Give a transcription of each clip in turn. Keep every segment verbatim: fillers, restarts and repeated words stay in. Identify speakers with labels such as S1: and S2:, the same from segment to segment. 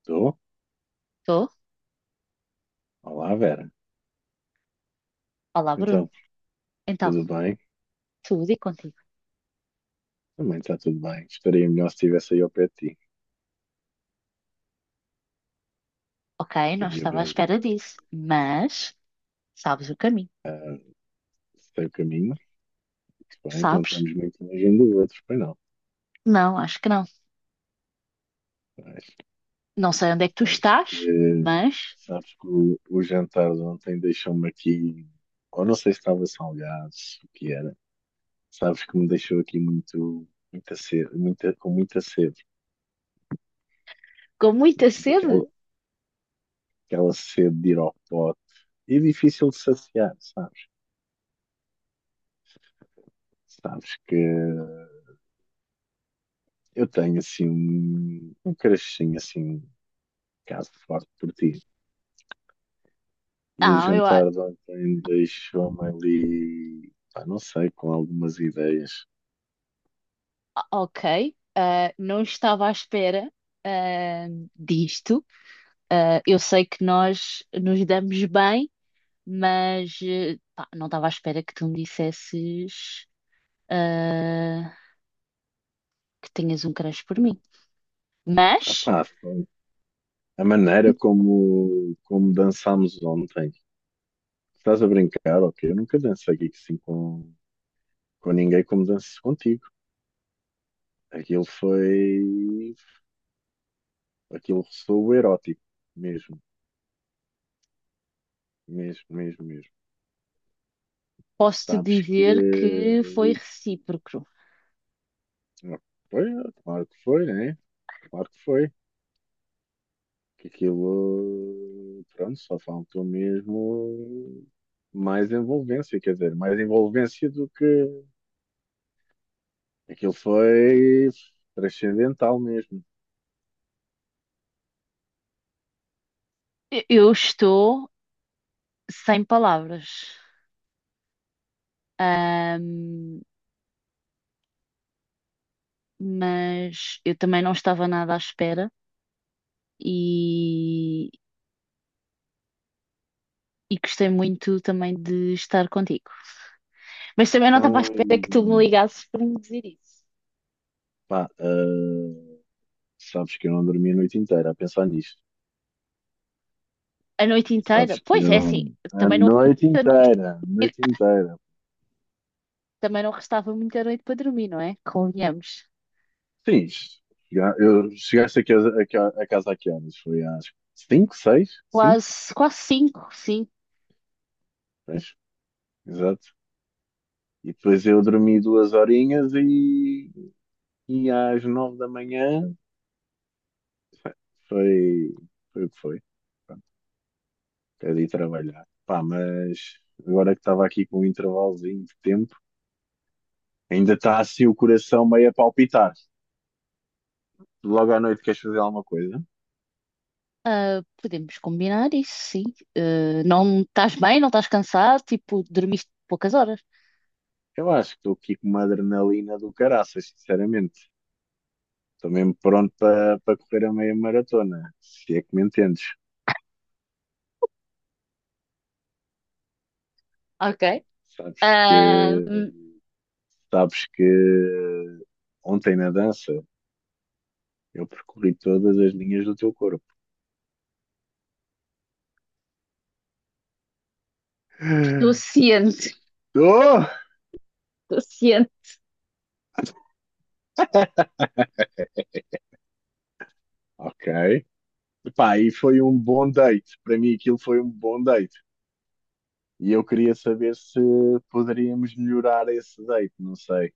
S1: Estou?
S2: Estou?
S1: Olá, Vera.
S2: Olá, Bruno.
S1: Então,
S2: Então,
S1: tudo bem?
S2: tudo e contigo.
S1: Também está tudo bem. Estaria melhor se estivesse aí ao pé de ti.
S2: Ok, não
S1: Estaria
S2: estava à
S1: bem.
S2: espera disso, mas sabes o caminho.
S1: Ah, sei o caminho. Muito bem, não
S2: Sabes?
S1: estamos muito longe um do outro, pois não.
S2: Não, acho que não.
S1: Mas
S2: Não sei onde é que tu
S1: sabes que,
S2: estás, mas
S1: sabes que o, o jantar de ontem deixou-me aqui, ou não sei se estava salgado, se o que era. Sabes que me deixou aqui muito, muita sede, muita, com muita sede.
S2: com muita sede.
S1: Daquela, aquela sede de ir ao pote. E difícil de saciar, sabes? Sabes que. Eu tenho assim um, um crushzinho assim, um caso forte por ti. E a
S2: Ah, eu. a-
S1: jantar de ontem deixou-me ali, pá, não sei, com algumas ideias.
S2: Ok, ah, não estava à espera, ah, disto. Ah, eu sei que nós nos damos bem, mas eh, pá, não estava à espera que tu me dissesses, ah, que tenhas um crush por mim.
S1: Ah,
S2: Mas
S1: pá, foi a maneira como, como dançámos ontem. Estás a brincar, ok? Eu nunca dancei aqui assim com, com ninguém como danço contigo. Aquilo foi. Aquilo ressoou erótico, mesmo, mesmo, mesmo, mesmo.
S2: posso-te
S1: Sabes que.
S2: dizer que foi recíproco.
S1: Foi, claro que foi, né? Claro que foi. Que aquilo, pronto, só faltou mesmo mais envolvência, quer dizer, mais envolvência do que aquilo foi transcendental mesmo.
S2: E- Eu estou sem palavras. Ahm, mas eu também não estava nada à espera, e, e gostei muito também de estar contigo. Mas também não estava à
S1: Então, e,
S2: espera que tu me ligasses para me dizer isso.
S1: pá, ah, sabes que eu não dormi a noite inteira a pensar nisto.
S2: A noite inteira?
S1: Sabes que
S2: Pois
S1: eu,
S2: é, assim,
S1: a
S2: também não,
S1: noite inteira, a noite inteira.
S2: também não restava muita noite para dormir, não é? Convenhamos.
S1: Sim, chega- eu chegaste a casa, a ca- a casa a que horas? Foi às cinco, seis, cinco.
S2: Quase, quase cinco, sim.
S1: Pois, exato. E depois eu dormi duas horinhas e, e às nove da manhã foi, foi o que foi. Pronto, até de ir trabalhar. Pá, mas agora que estava aqui com um intervalozinho de tempo, ainda está assim o coração meio a palpitar. Logo à noite queres fazer alguma coisa?
S2: Ah, podemos combinar isso, sim. Ah, não estás bem, não estás cansado, tipo, dormiste poucas horas.
S1: Eu acho que estou aqui com uma adrenalina do caraças, sinceramente. Estou mesmo pronto para para correr a meia maratona, se é que me entendes.
S2: Ok.
S1: Sabes que,
S2: Ah, hum,
S1: sabes que ontem na dança eu percorri todas as linhas do teu corpo.
S2: estou ciente,
S1: Oh!
S2: estou ciente.
S1: Ok. Pá, e foi um bom date. Para mim, aquilo foi um bom date. E eu queria saber se poderíamos melhorar esse date. Não sei.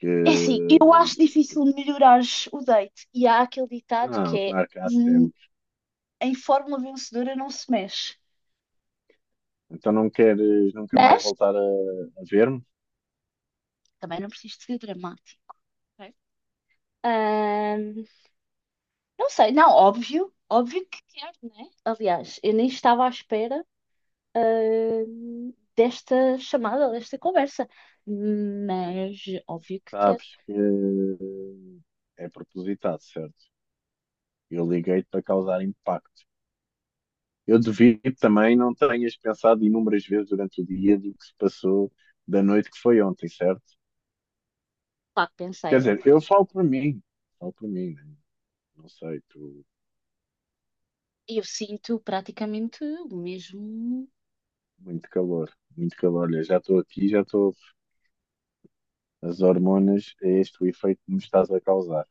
S1: Que
S2: É assim, eu acho
S1: isto-
S2: difícil melhorares o date. E há aquele ditado que
S1: Não,
S2: é
S1: claro que há
S2: "Hum,
S1: sempre.
S2: em fórmula vencedora não se mexe".
S1: Então não queres nunca mais
S2: Mas
S1: voltar a, a ver-me?
S2: também não preciso de ser dramático, ok? Ahn, não sei. Não, óbvio, óbvio que quero, né? Aliás, eu nem estava à espera, ah, desta chamada, desta conversa. Mas óbvio que quero.
S1: Sabes que é propositado, certo? Eu liguei-te para causar impacto. Eu devido também não tenhas pensado inúmeras vezes durante o dia do que se passou da noite que foi ontem, certo?
S2: Pá,
S1: Quer
S2: pensei,
S1: dizer, eu
S2: obviamente.
S1: falo por mim, falo por mim, né? Não sei, tu,
S2: E Eu sinto praticamente o mesmo.
S1: muito calor, muito calor. Olha, já estou aqui, já estou. As hormonas, é este o efeito que me estás a causar.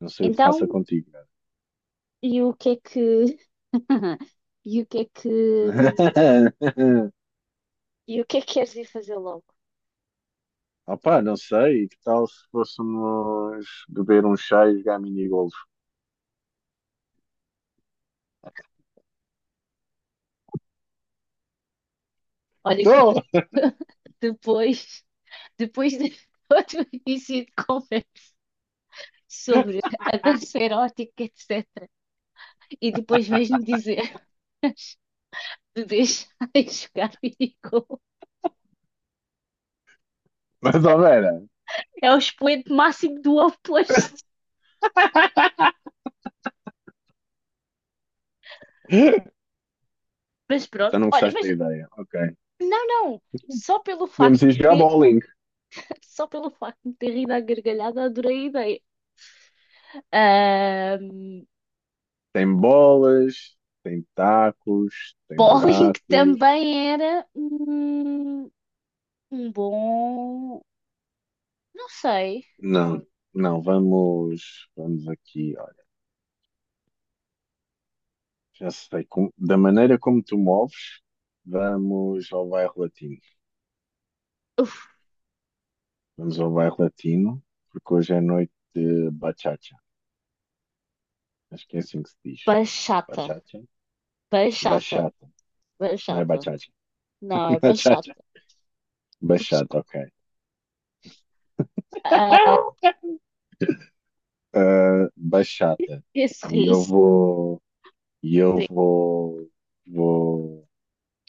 S1: Não sei o que faça
S2: Então,
S1: contigo, cara.
S2: e o que é que. E o que é que. E o que é que queres ir fazer logo?
S1: Opa, não sei, que tal se fôssemos beber um chá e jogar mini-golf?
S2: Olha que de-
S1: Estou!
S2: Depois, depois de outro início de conversa sobre a dança erótica, etcetera. E depois vais-me dizer de deixar de jogar videogame.
S1: Mais ou menos.
S2: É o expoente máximo do oposto. Mas
S1: Então
S2: pronto,
S1: não
S2: olha,
S1: gostaste
S2: mas
S1: da ideia, ok.
S2: não, não. Só pelo facto
S1: Podemos ir
S2: de
S1: jogar
S2: ter,
S1: bowling.
S2: só pelo facto de ter rido à gargalhada, adorei a ideia. Ahm,
S1: Tem bolas, tem tacos, tem
S2: Bowling
S1: buracos.
S2: também era um, um bom. Não sei.
S1: Não, não, vamos, vamos aqui, olha. Já sei, com- da maneira como tu moves, vamos ao bairro latino.
S2: Uf,
S1: Vamos ao bairro latino, porque hoje é noite de bachata. Acho que é assim que se diz.
S2: bachata.
S1: Bachata?
S2: Bachata.
S1: Bachata. Não é
S2: Bachata.
S1: bachata.
S2: Não, é
S1: Bachata.
S2: bachata.
S1: Bachata, ok.
S2: Ah,
S1: Ah, bachata.
S2: Esse
S1: E eu
S2: riso,
S1: vou. E eu
S2: sim.
S1: vou, vou,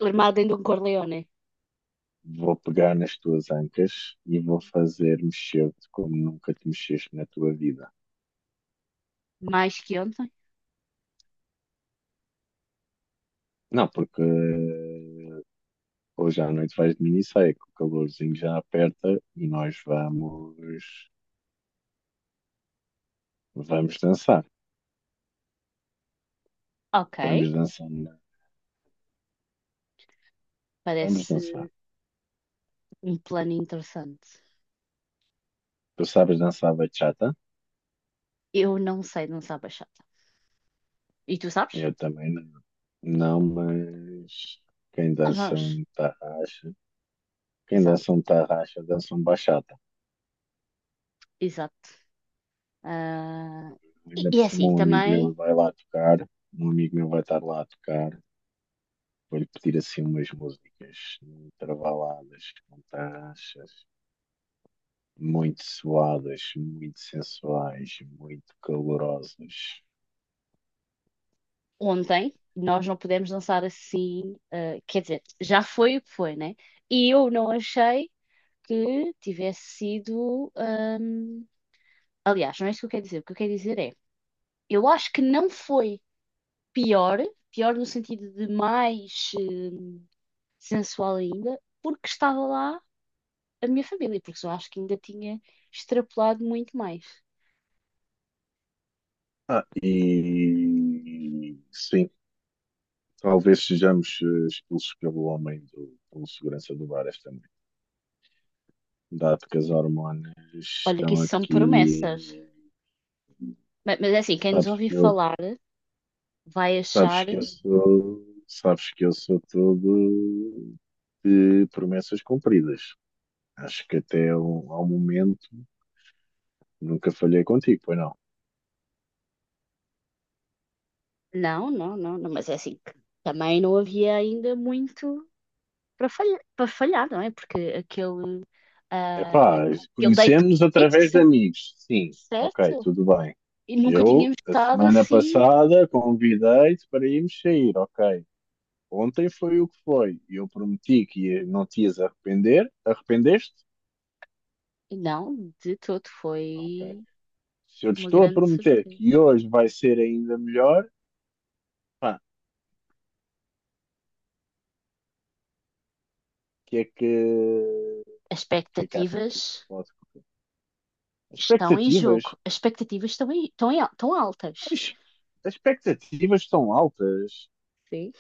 S2: Armado em Don Corleone.
S1: vou pegar nas tuas ancas e vou fazer mexer-te como nunca te mexeste na tua vida.
S2: Mais que ontem.
S1: Não, porque eh, hoje à noite vais de minissaia, que o calorzinho já aperta e nós vamos, vamos dançar.
S2: Ok.
S1: Vamos dançar, na- Vamos dançar.
S2: Parece um plano interessante.
S1: Tu sabes dançar bachata?
S2: Eu não sei dançar bachata. E tu sabes?
S1: Eu também não. Não, mas quem
S2: Nós
S1: dança
S2: vamos.
S1: um tarraxa, quem
S2: Exato,
S1: dança um tarraxa, dança um bachata.
S2: exato. Ah, e
S1: Ainda por
S2: e é
S1: cima,
S2: assim,
S1: um amigo
S2: também,
S1: meu vai lá tocar, um amigo meu vai estar lá a tocar. Vou-lhe pedir assim umas músicas travaladas, fantastas, muito suadas, muito sensuais, muito calorosas.
S2: ontem nós não pudemos dançar assim, ah, quer dizer, já foi o que foi, né? E eu não achei que tivesse sido, ah, aliás, não é isso que eu quero dizer. O que eu quero dizer é, eu acho que não foi pior, pior no sentido de mais eh, sensual ainda, porque estava lá a minha família, porque eu acho que ainda tinha extrapolado muito mais.
S1: Ah, e sim, talvez sejamos eh, expulsos pelo homem do, pelo segurança do bar esta noite. Dado que as hormonas
S2: Olha,
S1: estão
S2: que isso são promessas.
S1: aqui,
S2: Mas, mas é assim, quem nos
S1: sabes
S2: ouvir
S1: que eu
S2: falar vai
S1: sabes
S2: achar,
S1: que eu sou, sabes que eu sou todo de promessas cumpridas. Acho que até ao, ao momento nunca falhei contigo, pois não?
S2: não, não, não, não, mas é assim, que também não havia ainda muito para falhar, para falhar, não é? Porque aquele, ah,
S1: Epá,
S2: aquele date,
S1: conhecemos
S2: date
S1: através de
S2: cer-
S1: amigos. Sim, ok,
S2: certo?
S1: tudo bem.
S2: E nunca
S1: Eu,
S2: tínhamos
S1: a
S2: estado
S1: semana
S2: assim.
S1: passada, convidei-te para irmos sair, ok. Ontem foi o que foi. Eu prometi que ia- não te ias arrepender. Arrependeste?
S2: Não, de todo.
S1: Ok.
S2: Foi
S1: Se eu te
S2: uma
S1: estou a
S2: grande
S1: prometer
S2: surpresa.
S1: que hoje vai ser ainda melhor. Pá, que é que,
S2: As
S1: que, é que achas
S2: expectativas
S1: que pode correr? As
S2: estão em
S1: expectativas,
S2: jogo. As expectativas estão, em, estão, em, al- estão altas.
S1: as, as expectativas são altas.
S2: Sim.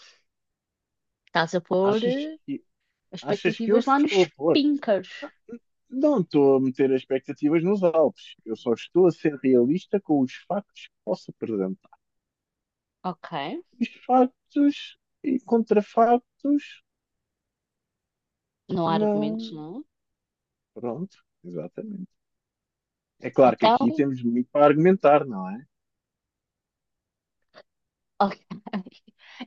S2: Estás a pôr
S1: Achas
S2: eh,
S1: que,
S2: as
S1: achas que eu
S2: expectativas lá nos
S1: estou a pôr?
S2: pinkers.
S1: Não estou a meter as expectativas nos altos. Eu só estou a ser realista com os factos que posso apresentar.
S2: Ok.
S1: Os factos e contrafactos,
S2: Não há
S1: não.
S2: argumentos, não?
S1: Pronto, exatamente. É
S2: É?
S1: claro que aqui
S2: Então,
S1: temos muito para argumentar, não é?
S2: ok.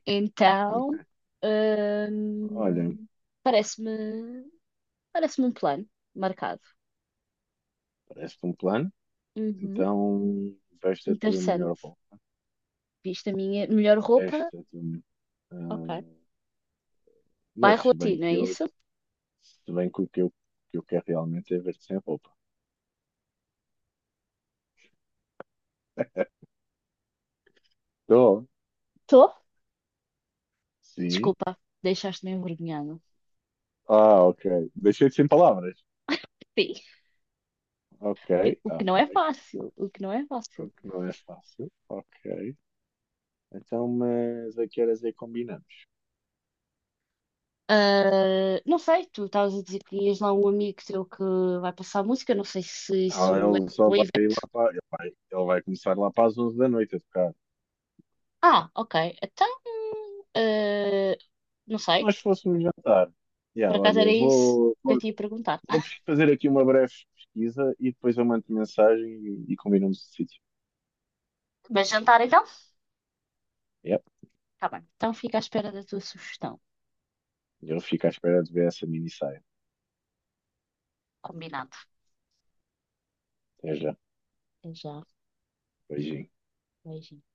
S2: Então,
S1: Olha,
S2: hum, parece-me, parece-me um plano marcado.
S1: parece-te um plano.
S2: Uhum.
S1: Então, veste a tua melhor
S2: Interessante.
S1: roupa.
S2: Viste a minha melhor roupa?
S1: Veste a tua melhor.
S2: Ok.
S1: Ah, mas
S2: Bairro
S1: se bem
S2: Latino,
S1: que
S2: é
S1: eu,
S2: isso?
S1: se bem que o que eu, que eu quero realmente é ver-te sem roupa. Tô.
S2: Estou.
S1: Sim.
S2: Desculpa, deixaste-me envergonhado.
S1: Ah, ok. Deixei-te sem palavras.
S2: Sim.
S1: Ok,
S2: O que, o que
S1: ok.
S2: não é fácil. O que não é fácil.
S1: O que não é fácil. Ok. Então, mas a que horas é que combinamos?
S2: Ah, não sei, tu estavas a dizer que ias lá um amigo teu que vai passar música, não sei se isso
S1: Ah,
S2: é
S1: ele só
S2: um
S1: vai
S2: evento.
S1: lá para. Ele vai, ele vai começar lá para as onze da noite a tocar.
S2: Ah, ok. Então, ah, não
S1: Se
S2: sei,
S1: nós fôssemos jantar. Yeah,
S2: por acaso
S1: olha,
S2: era isso
S1: vou,
S2: que eu
S1: vou
S2: te ia perguntar.
S1: vou fazer aqui uma breve pesquisa e depois eu mando mensagem e, e combinamos o sítio.
S2: Mas jantar então?
S1: Yep.
S2: Tá bem. Então fica à espera da tua sugestão.
S1: Eu fico à espera de ver essa minissaia.
S2: Combinado.
S1: Até já.
S2: Até já.
S1: Beijinho.
S2: Beijinho.